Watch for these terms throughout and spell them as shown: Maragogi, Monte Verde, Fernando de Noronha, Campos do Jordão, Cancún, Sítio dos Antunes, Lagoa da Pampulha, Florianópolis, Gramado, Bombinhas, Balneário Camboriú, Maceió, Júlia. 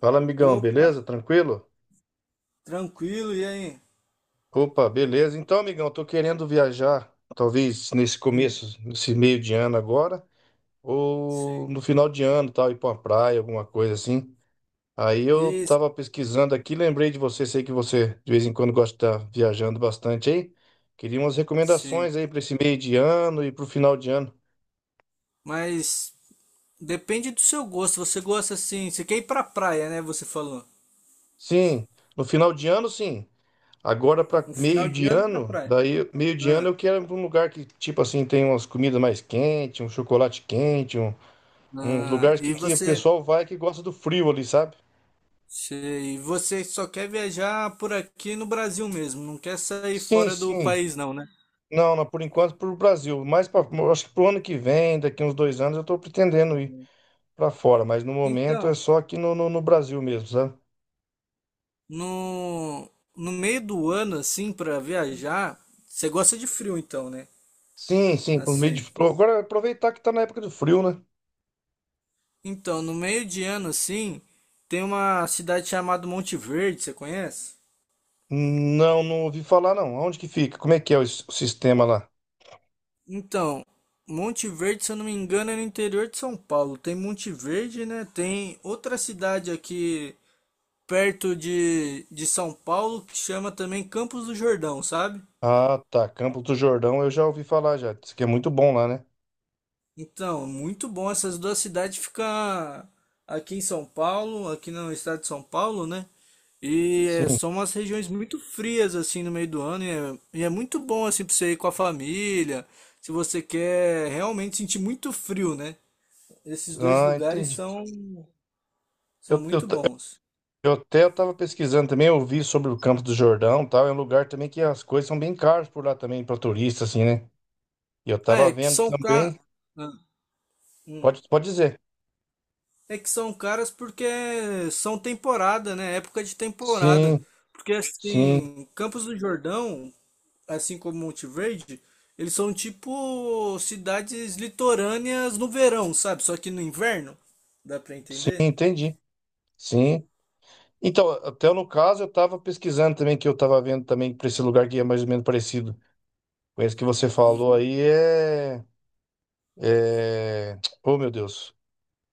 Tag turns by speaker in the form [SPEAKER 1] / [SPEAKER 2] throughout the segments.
[SPEAKER 1] Fala, amigão,
[SPEAKER 2] Opa,
[SPEAKER 1] beleza? Tranquilo?
[SPEAKER 2] tranquilo, e aí?
[SPEAKER 1] Opa, beleza. Então, amigão, eu tô querendo viajar, talvez
[SPEAKER 2] Hum.
[SPEAKER 1] nesse meio de ano agora, ou
[SPEAKER 2] Sim.
[SPEAKER 1] no final de ano, tal, ir pra uma praia, alguma coisa assim. Aí eu
[SPEAKER 2] Isso,
[SPEAKER 1] tava pesquisando aqui, lembrei de você, sei que você de vez em quando gosta de estar viajando bastante aí. Queria umas
[SPEAKER 2] sim.
[SPEAKER 1] recomendações aí pra esse meio de ano e pro final de ano.
[SPEAKER 2] Mas depende do seu gosto. Você gosta assim, você quer ir pra praia, né? Você falou.
[SPEAKER 1] Sim, no final de ano, sim. Agora para
[SPEAKER 2] No final
[SPEAKER 1] meio
[SPEAKER 2] de
[SPEAKER 1] de
[SPEAKER 2] ano pra
[SPEAKER 1] ano,
[SPEAKER 2] praia.
[SPEAKER 1] daí meio de ano
[SPEAKER 2] Ah,
[SPEAKER 1] eu quero ir pra um lugar que, tipo assim, tem umas comidas mais quentes, um chocolate quente, um
[SPEAKER 2] ah,
[SPEAKER 1] lugar que,
[SPEAKER 2] e
[SPEAKER 1] que o
[SPEAKER 2] você,
[SPEAKER 1] pessoal vai que gosta do frio ali, sabe?
[SPEAKER 2] sei, e você só quer viajar por aqui no Brasil mesmo, não quer sair
[SPEAKER 1] Sim,
[SPEAKER 2] fora do
[SPEAKER 1] sim.
[SPEAKER 2] país não, né?
[SPEAKER 1] Não, não, por enquanto pro Brasil. Mas eu acho que pro ano que vem, daqui uns dois anos, eu tô pretendendo ir pra fora, mas no momento é
[SPEAKER 2] Então,
[SPEAKER 1] só aqui no Brasil mesmo, sabe?
[SPEAKER 2] no, no meio do ano assim pra viajar, você gosta de frio então, né?
[SPEAKER 1] Sim, sim, por meio de.
[SPEAKER 2] Assim,
[SPEAKER 1] Agora aproveitar que tá na época do frio, né?
[SPEAKER 2] então, no meio de ano, assim, tem uma cidade chamada Monte Verde, você conhece?
[SPEAKER 1] Não, não ouvi falar não. Onde que fica? Como é que é o sistema lá?
[SPEAKER 2] Então, Monte Verde, se eu não me engano, é no interior de São Paulo. Tem Monte Verde, né? Tem outra cidade aqui perto de São Paulo que chama também Campos do Jordão, sabe?
[SPEAKER 1] Ah, tá. Campo do Jordão eu já ouvi falar já. Diz que é muito bom lá, né?
[SPEAKER 2] Então, muito bom essas duas cidades ficar aqui em São Paulo, aqui no estado de São Paulo, né? E é,
[SPEAKER 1] Sim.
[SPEAKER 2] são umas regiões muito frias assim no meio do ano e é muito bom assim para você ir com a família, se você quer realmente sentir muito frio, né? Esses dois
[SPEAKER 1] Ah,
[SPEAKER 2] lugares
[SPEAKER 1] entendi.
[SPEAKER 2] são
[SPEAKER 1] Eu, eu,
[SPEAKER 2] muito
[SPEAKER 1] ta-
[SPEAKER 2] bons.
[SPEAKER 1] eu até estava pesquisando também, eu vi sobre o Campo do Jordão, e tal. É um lugar também que as coisas são bem caras por lá também para turista, assim, né? E eu
[SPEAKER 2] Ah,
[SPEAKER 1] tava
[SPEAKER 2] é que
[SPEAKER 1] vendo
[SPEAKER 2] são caros.
[SPEAKER 1] também. Pode, pode dizer.
[SPEAKER 2] É que são caras porque são temporada, né? Época de temporada.
[SPEAKER 1] Sim,
[SPEAKER 2] Porque
[SPEAKER 1] sim,
[SPEAKER 2] assim, Campos do Jordão, assim como Monte Verde, eles são tipo cidades litorâneas no verão, sabe? Só que no inverno, dá pra
[SPEAKER 1] sim,
[SPEAKER 2] entender?
[SPEAKER 1] entendi. Sim. Então, até no caso eu estava pesquisando também que eu estava vendo também para esse lugar que é mais ou menos parecido com esse que você falou
[SPEAKER 2] Uhum.
[SPEAKER 1] aí é... Oh, meu Deus.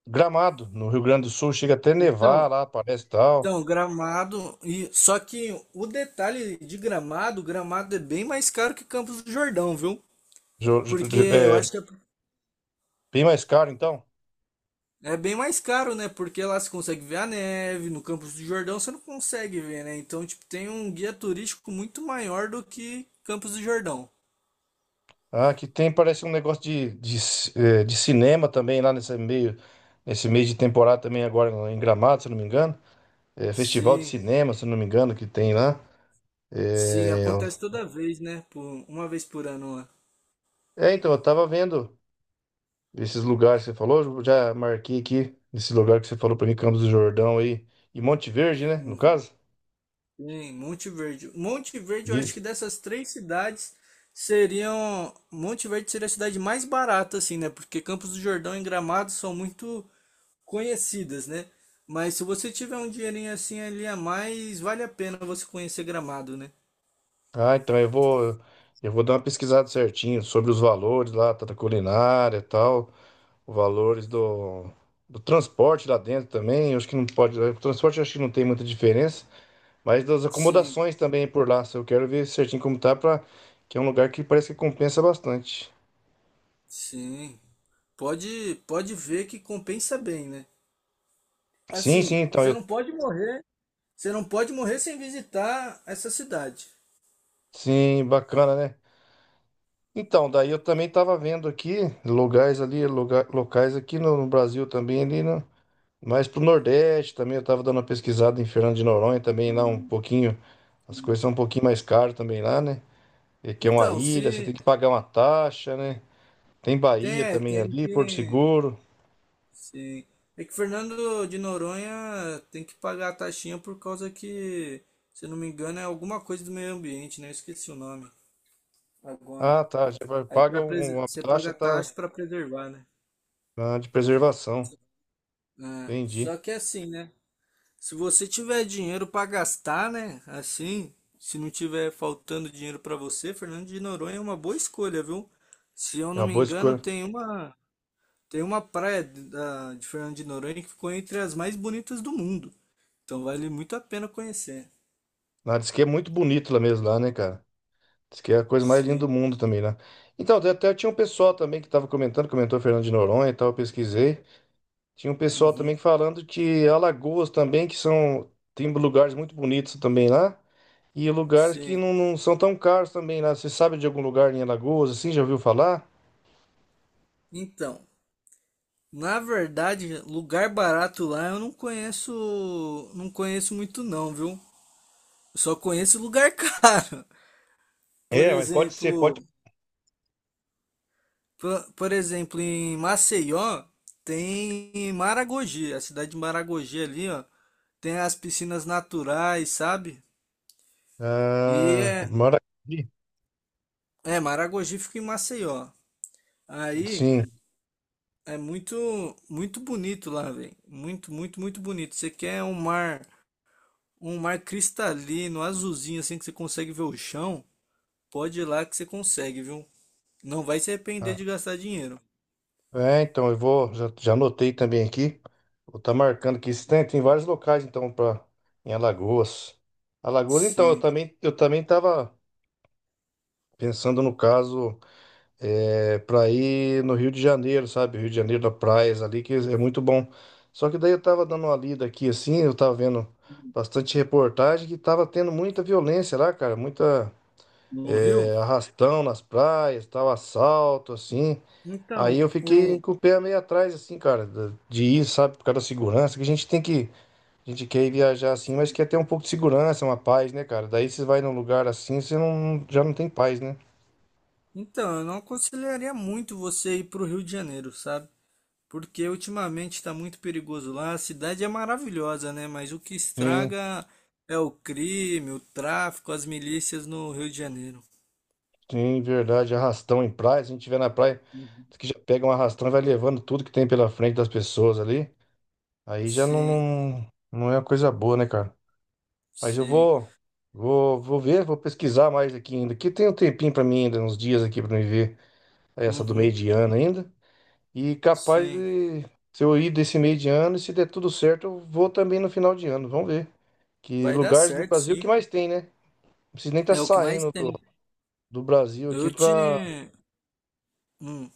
[SPEAKER 1] Gramado, no Rio Grande do Sul, chega até nevar
[SPEAKER 2] Então,
[SPEAKER 1] lá, parece tal.
[SPEAKER 2] então Gramado, e só que o detalhe de Gramado, Gramado é bem mais caro que Campos do Jordão, viu?
[SPEAKER 1] Jo- jo-
[SPEAKER 2] Porque
[SPEAKER 1] jo-
[SPEAKER 2] eu
[SPEAKER 1] é,
[SPEAKER 2] acho que é
[SPEAKER 1] bem mais caro, então.
[SPEAKER 2] é bem mais caro, né? Porque lá você consegue ver a neve, no Campos do Jordão você não consegue ver, né? Então, tipo, tem um guia turístico muito maior do que Campos do Jordão.
[SPEAKER 1] Ah, aqui tem, parece um negócio de cinema também lá nesse mês de temporada também agora em Gramado, se eu não me engano. É, festival de
[SPEAKER 2] Sim,
[SPEAKER 1] cinema, se eu não me engano, que tem lá.
[SPEAKER 2] sim,
[SPEAKER 1] É,
[SPEAKER 2] acontece toda vez, né? Por, uma vez por ano lá.
[SPEAKER 1] é, então, eu tava vendo esses lugares que você falou, eu já marquei aqui esse lugar que você falou pra mim, Campos do Jordão aí, e Monte Verde, né, no
[SPEAKER 2] Uhum.
[SPEAKER 1] caso.
[SPEAKER 2] Sim, Monte Verde. Monte Verde, eu acho que dessas três cidades seriam. Monte Verde seria a cidade mais barata, assim, né? Porque Campos do Jordão e Gramado são muito conhecidas, né? Mas se você tiver um dinheirinho assim ali a mais, vale a pena você conhecer Gramado, né?
[SPEAKER 1] Ah, então eu vou dar uma pesquisada certinho sobre os valores lá, tá, da culinária e tal, os valores do transporte lá dentro também. Eu acho que não pode, o transporte eu acho que não tem muita diferença, mas das
[SPEAKER 2] Sim,
[SPEAKER 1] acomodações também por lá. Se eu quero ver certinho como tá, pra, que é um lugar que parece que compensa bastante.
[SPEAKER 2] sim. Pode ver que compensa bem, né?
[SPEAKER 1] Sim, sim,
[SPEAKER 2] Assim,
[SPEAKER 1] então
[SPEAKER 2] você
[SPEAKER 1] eu,
[SPEAKER 2] não pode morrer, você não pode morrer sem visitar essa cidade.
[SPEAKER 1] sim, bacana, né? Então, daí eu também tava vendo aqui lugares ali, locais aqui no Brasil também ali, né? Mas pro Nordeste também, eu tava dando uma pesquisada em Fernando de Noronha também, lá
[SPEAKER 2] Ah,
[SPEAKER 1] um pouquinho, as
[SPEAKER 2] sim.
[SPEAKER 1] coisas são um pouquinho mais caras também lá, né? E que é uma
[SPEAKER 2] Então,
[SPEAKER 1] ilha, você tem
[SPEAKER 2] se
[SPEAKER 1] que pagar uma taxa, né? Tem
[SPEAKER 2] tem,
[SPEAKER 1] Bahia
[SPEAKER 2] é,
[SPEAKER 1] também
[SPEAKER 2] tem
[SPEAKER 1] ali, Porto
[SPEAKER 2] que,
[SPEAKER 1] Seguro.
[SPEAKER 2] sim. É que Fernando de Noronha tem que pagar a taxinha por causa que, se eu não me engano, é alguma coisa do meio ambiente, né? Eu esqueci o nome agora.
[SPEAKER 1] Ah, tá, já
[SPEAKER 2] Aí
[SPEAKER 1] paga uma
[SPEAKER 2] você
[SPEAKER 1] taxa
[SPEAKER 2] paga
[SPEAKER 1] tá,
[SPEAKER 2] taxa para preservar, né?
[SPEAKER 1] de preservação,
[SPEAKER 2] Ah,
[SPEAKER 1] entendi.
[SPEAKER 2] só que é assim, né? Se você tiver dinheiro para gastar, né? Assim, se não tiver faltando dinheiro para você, Fernando de Noronha é uma boa escolha, viu? Se eu
[SPEAKER 1] É
[SPEAKER 2] não
[SPEAKER 1] uma
[SPEAKER 2] me
[SPEAKER 1] boa
[SPEAKER 2] engano,
[SPEAKER 1] escolha.
[SPEAKER 2] tem uma praia de Fernando de Noronha que ficou entre as mais bonitas do mundo. Então vale muito a pena conhecer.
[SPEAKER 1] Ah, diz que é muito bonito lá mesmo, lá, né, cara? Diz que é a coisa mais linda do
[SPEAKER 2] Sim.
[SPEAKER 1] mundo também lá. Então, até tinha um pessoal também que tava comentou Fernando de Noronha e tal, eu pesquisei. Tinha um pessoal também
[SPEAKER 2] Uhum.
[SPEAKER 1] falando que Alagoas também, tem lugares muito bonitos também lá, e lugares que
[SPEAKER 2] Sim.
[SPEAKER 1] não, não são tão caros também lá. Você sabe de algum lugar em Alagoas, assim, já ouviu falar?
[SPEAKER 2] Então, na verdade, lugar barato lá eu não conheço, não conheço muito não, viu? Eu só conheço lugar caro. Por
[SPEAKER 1] É, mas pode ser, pode.
[SPEAKER 2] exemplo, por exemplo, em Maceió tem Maragogi, a cidade de Maragogi ali, ó, tem as piscinas naturais, sabe? E
[SPEAKER 1] Ah,
[SPEAKER 2] é,
[SPEAKER 1] mora aqui.
[SPEAKER 2] é Maragogi fica em Maceió. Aí
[SPEAKER 1] Sim.
[SPEAKER 2] é muito, muito bonito lá, velho. Muito, muito, muito bonito. Você quer um mar, um mar cristalino, azulzinho, assim que você consegue ver o chão. Pode ir lá que você consegue, viu? Não vai se arrepender de gastar dinheiro.
[SPEAKER 1] É, então eu vou, já anotei também aqui. Vou tá marcando aqui. Isso. Tem vários locais então para em Alagoas. Alagoas, então eu
[SPEAKER 2] Sim.
[SPEAKER 1] também eu também tava pensando no caso para ir no Rio de Janeiro, sabe? Rio de Janeiro da praias ali, que é muito bom. Só que daí eu tava dando uma lida aqui, assim, eu tava vendo bastante reportagem que tava tendo muita violência lá, cara, muita
[SPEAKER 2] No Rio?
[SPEAKER 1] arrastão nas praias, tal, assalto, assim. Aí
[SPEAKER 2] Então,
[SPEAKER 1] eu fiquei
[SPEAKER 2] o...
[SPEAKER 1] com o pé meio atrás, assim, cara, de ir, sabe, por causa da segurança, que a gente tem que, a gente quer ir viajar assim, mas quer ter um pouco de segurança, uma paz, né, cara? Daí você vai num lugar assim, você não, já não tem paz, né?
[SPEAKER 2] então, eu não aconselharia muito você ir pro Rio de Janeiro, sabe? Porque ultimamente está muito perigoso lá. A cidade é maravilhosa, né? Mas o que
[SPEAKER 1] Sim.
[SPEAKER 2] estraga é o crime, o tráfico, as milícias no Rio de Janeiro.
[SPEAKER 1] Sim, verdade. Arrastão em praia. Se a gente estiver na praia,
[SPEAKER 2] Uhum.
[SPEAKER 1] diz que já pega um arrastão e vai levando tudo que tem pela frente das pessoas ali. Aí já não,
[SPEAKER 2] Sim,
[SPEAKER 1] não, não é uma coisa boa, né, cara? Mas eu
[SPEAKER 2] sim.
[SPEAKER 1] vou ver, vou pesquisar mais aqui ainda. Que tem um tempinho pra mim ainda, uns dias aqui pra me ver essa do meio
[SPEAKER 2] Uhum,
[SPEAKER 1] de ano ainda. E capaz
[SPEAKER 2] sim.
[SPEAKER 1] de, se eu ir desse meio de ano, e se der tudo certo, eu vou também no final de ano. Vamos ver. Que
[SPEAKER 2] Vai dar
[SPEAKER 1] lugares no
[SPEAKER 2] certo,
[SPEAKER 1] Brasil
[SPEAKER 2] sim.
[SPEAKER 1] que mais tem, né? Não precisa nem estar
[SPEAKER 2] É o que mais
[SPEAKER 1] saindo do,
[SPEAKER 2] tem.
[SPEAKER 1] do Brasil aqui
[SPEAKER 2] Eu
[SPEAKER 1] pra.
[SPEAKER 2] te, hum,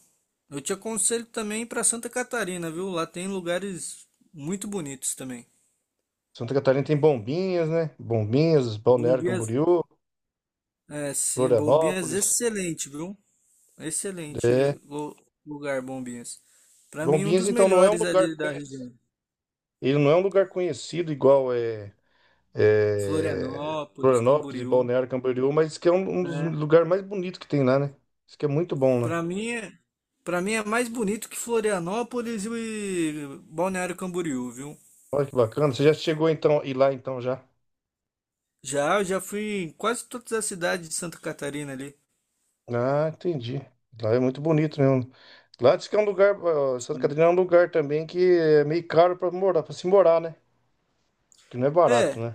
[SPEAKER 2] eu te aconselho também para Santa Catarina, viu? Lá tem lugares muito bonitos também.
[SPEAKER 1] Santa Catarina tem Bombinhas, né? Bombinhas, Balneário
[SPEAKER 2] Bombinhas,
[SPEAKER 1] Camboriú,
[SPEAKER 2] é sim, Bombinhas
[SPEAKER 1] Florianópolis.
[SPEAKER 2] excelente, viu? Excelente
[SPEAKER 1] É.
[SPEAKER 2] lu- lugar, Bombinhas. Para mim um
[SPEAKER 1] Bombinhas,
[SPEAKER 2] dos
[SPEAKER 1] então, não é um
[SPEAKER 2] melhores
[SPEAKER 1] lugar
[SPEAKER 2] ali da
[SPEAKER 1] conhecido.
[SPEAKER 2] região.
[SPEAKER 1] Ele não é um lugar conhecido igual
[SPEAKER 2] Florianópolis,
[SPEAKER 1] Florianópolis e
[SPEAKER 2] Camboriú,
[SPEAKER 1] Balneário Camboriú, mas diz que é um dos
[SPEAKER 2] né?
[SPEAKER 1] lugares mais bonitos que tem lá, né? Diz que é muito bom lá.
[SPEAKER 2] Para mim, para mim é mais bonito que Florianópolis e Balneário Camboriú, viu?
[SPEAKER 1] Olha que bacana. Você já chegou então e lá então já?
[SPEAKER 2] Já, eu já fui em quase todas as cidades de Santa Catarina ali.
[SPEAKER 1] Ah, entendi. Lá é muito bonito mesmo. Lá diz que é um lugar, ó, Santa
[SPEAKER 2] Sim.
[SPEAKER 1] Catarina é um lugar também que é meio caro para morar, para se morar, né? Que não é barato,
[SPEAKER 2] É,
[SPEAKER 1] né?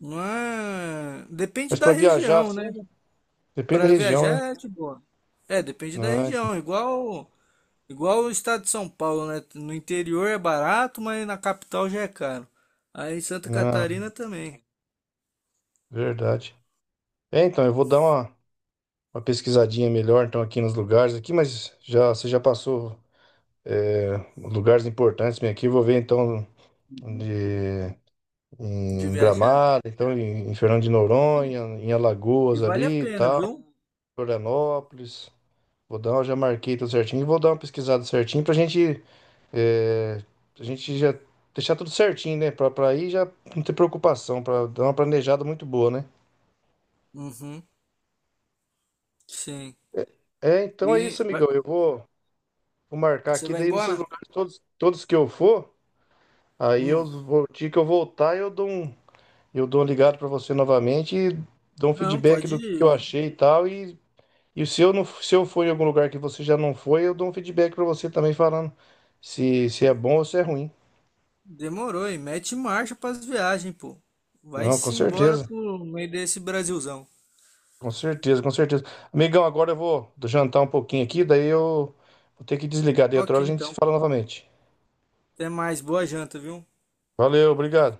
[SPEAKER 2] não é. Depende
[SPEAKER 1] Mas
[SPEAKER 2] da
[SPEAKER 1] para viajar,
[SPEAKER 2] região, né?
[SPEAKER 1] assim, depende da
[SPEAKER 2] Para
[SPEAKER 1] região, né?
[SPEAKER 2] viajar é de boa. É, depende da
[SPEAKER 1] Não, então,
[SPEAKER 2] região. Igual, igual o estado de São Paulo, né? No interior é barato, mas na capital já é caro. Aí em Santa
[SPEAKER 1] não,
[SPEAKER 2] Catarina também,
[SPEAKER 1] verdade. É, então, eu vou dar uma pesquisadinha melhor, então, aqui nos lugares aqui, mas já, você já passou lugares importantes bem aqui, vou ver, então,
[SPEAKER 2] uhum,
[SPEAKER 1] de-
[SPEAKER 2] de
[SPEAKER 1] em
[SPEAKER 2] viajar.
[SPEAKER 1] Gramado, então, em Fernando de Noronha, em
[SPEAKER 2] E
[SPEAKER 1] Alagoas
[SPEAKER 2] vale a
[SPEAKER 1] ali e
[SPEAKER 2] pena,
[SPEAKER 1] tal,
[SPEAKER 2] viu?
[SPEAKER 1] Florianópolis. Vou dar, já marquei tudo certinho e vou dar uma pesquisada certinho pra gente, é, a gente já deixar tudo certinho, né? Pra aí já não ter preocupação, pra dar uma planejada muito boa, né?
[SPEAKER 2] Uhum, sim.
[SPEAKER 1] É, então
[SPEAKER 2] E
[SPEAKER 1] é isso,
[SPEAKER 2] vai-
[SPEAKER 1] amigão. Eu vou marcar
[SPEAKER 2] você
[SPEAKER 1] aqui,
[SPEAKER 2] vai
[SPEAKER 1] daí nesses
[SPEAKER 2] embora?
[SPEAKER 1] lugares todos, todos que eu for, aí eu
[SPEAKER 2] Hum.
[SPEAKER 1] vou, o dia que eu voltar, eu dou um ligado pra você novamente e dou um
[SPEAKER 2] Não,
[SPEAKER 1] feedback
[SPEAKER 2] pode
[SPEAKER 1] do que eu
[SPEAKER 2] ir.
[SPEAKER 1] achei e tal. E se eu não, se eu for em algum lugar que você já não foi, eu dou um feedback pra você também falando se é bom ou se é ruim.
[SPEAKER 2] Demorou, e mete marcha para as viagens, pô.
[SPEAKER 1] Não, com
[SPEAKER 2] Vai-se embora
[SPEAKER 1] certeza.
[SPEAKER 2] pro meio desse Brasilzão.
[SPEAKER 1] Com certeza, com certeza. Amigão, agora eu vou jantar um pouquinho aqui, daí eu vou ter que desligar. Daí outra
[SPEAKER 2] Ok,
[SPEAKER 1] hora a gente se
[SPEAKER 2] então.
[SPEAKER 1] fala novamente.
[SPEAKER 2] Até mais. Boa janta, viu?
[SPEAKER 1] Valeu, obrigado.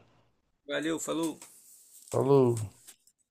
[SPEAKER 2] Valeu, falou.
[SPEAKER 1] Falou.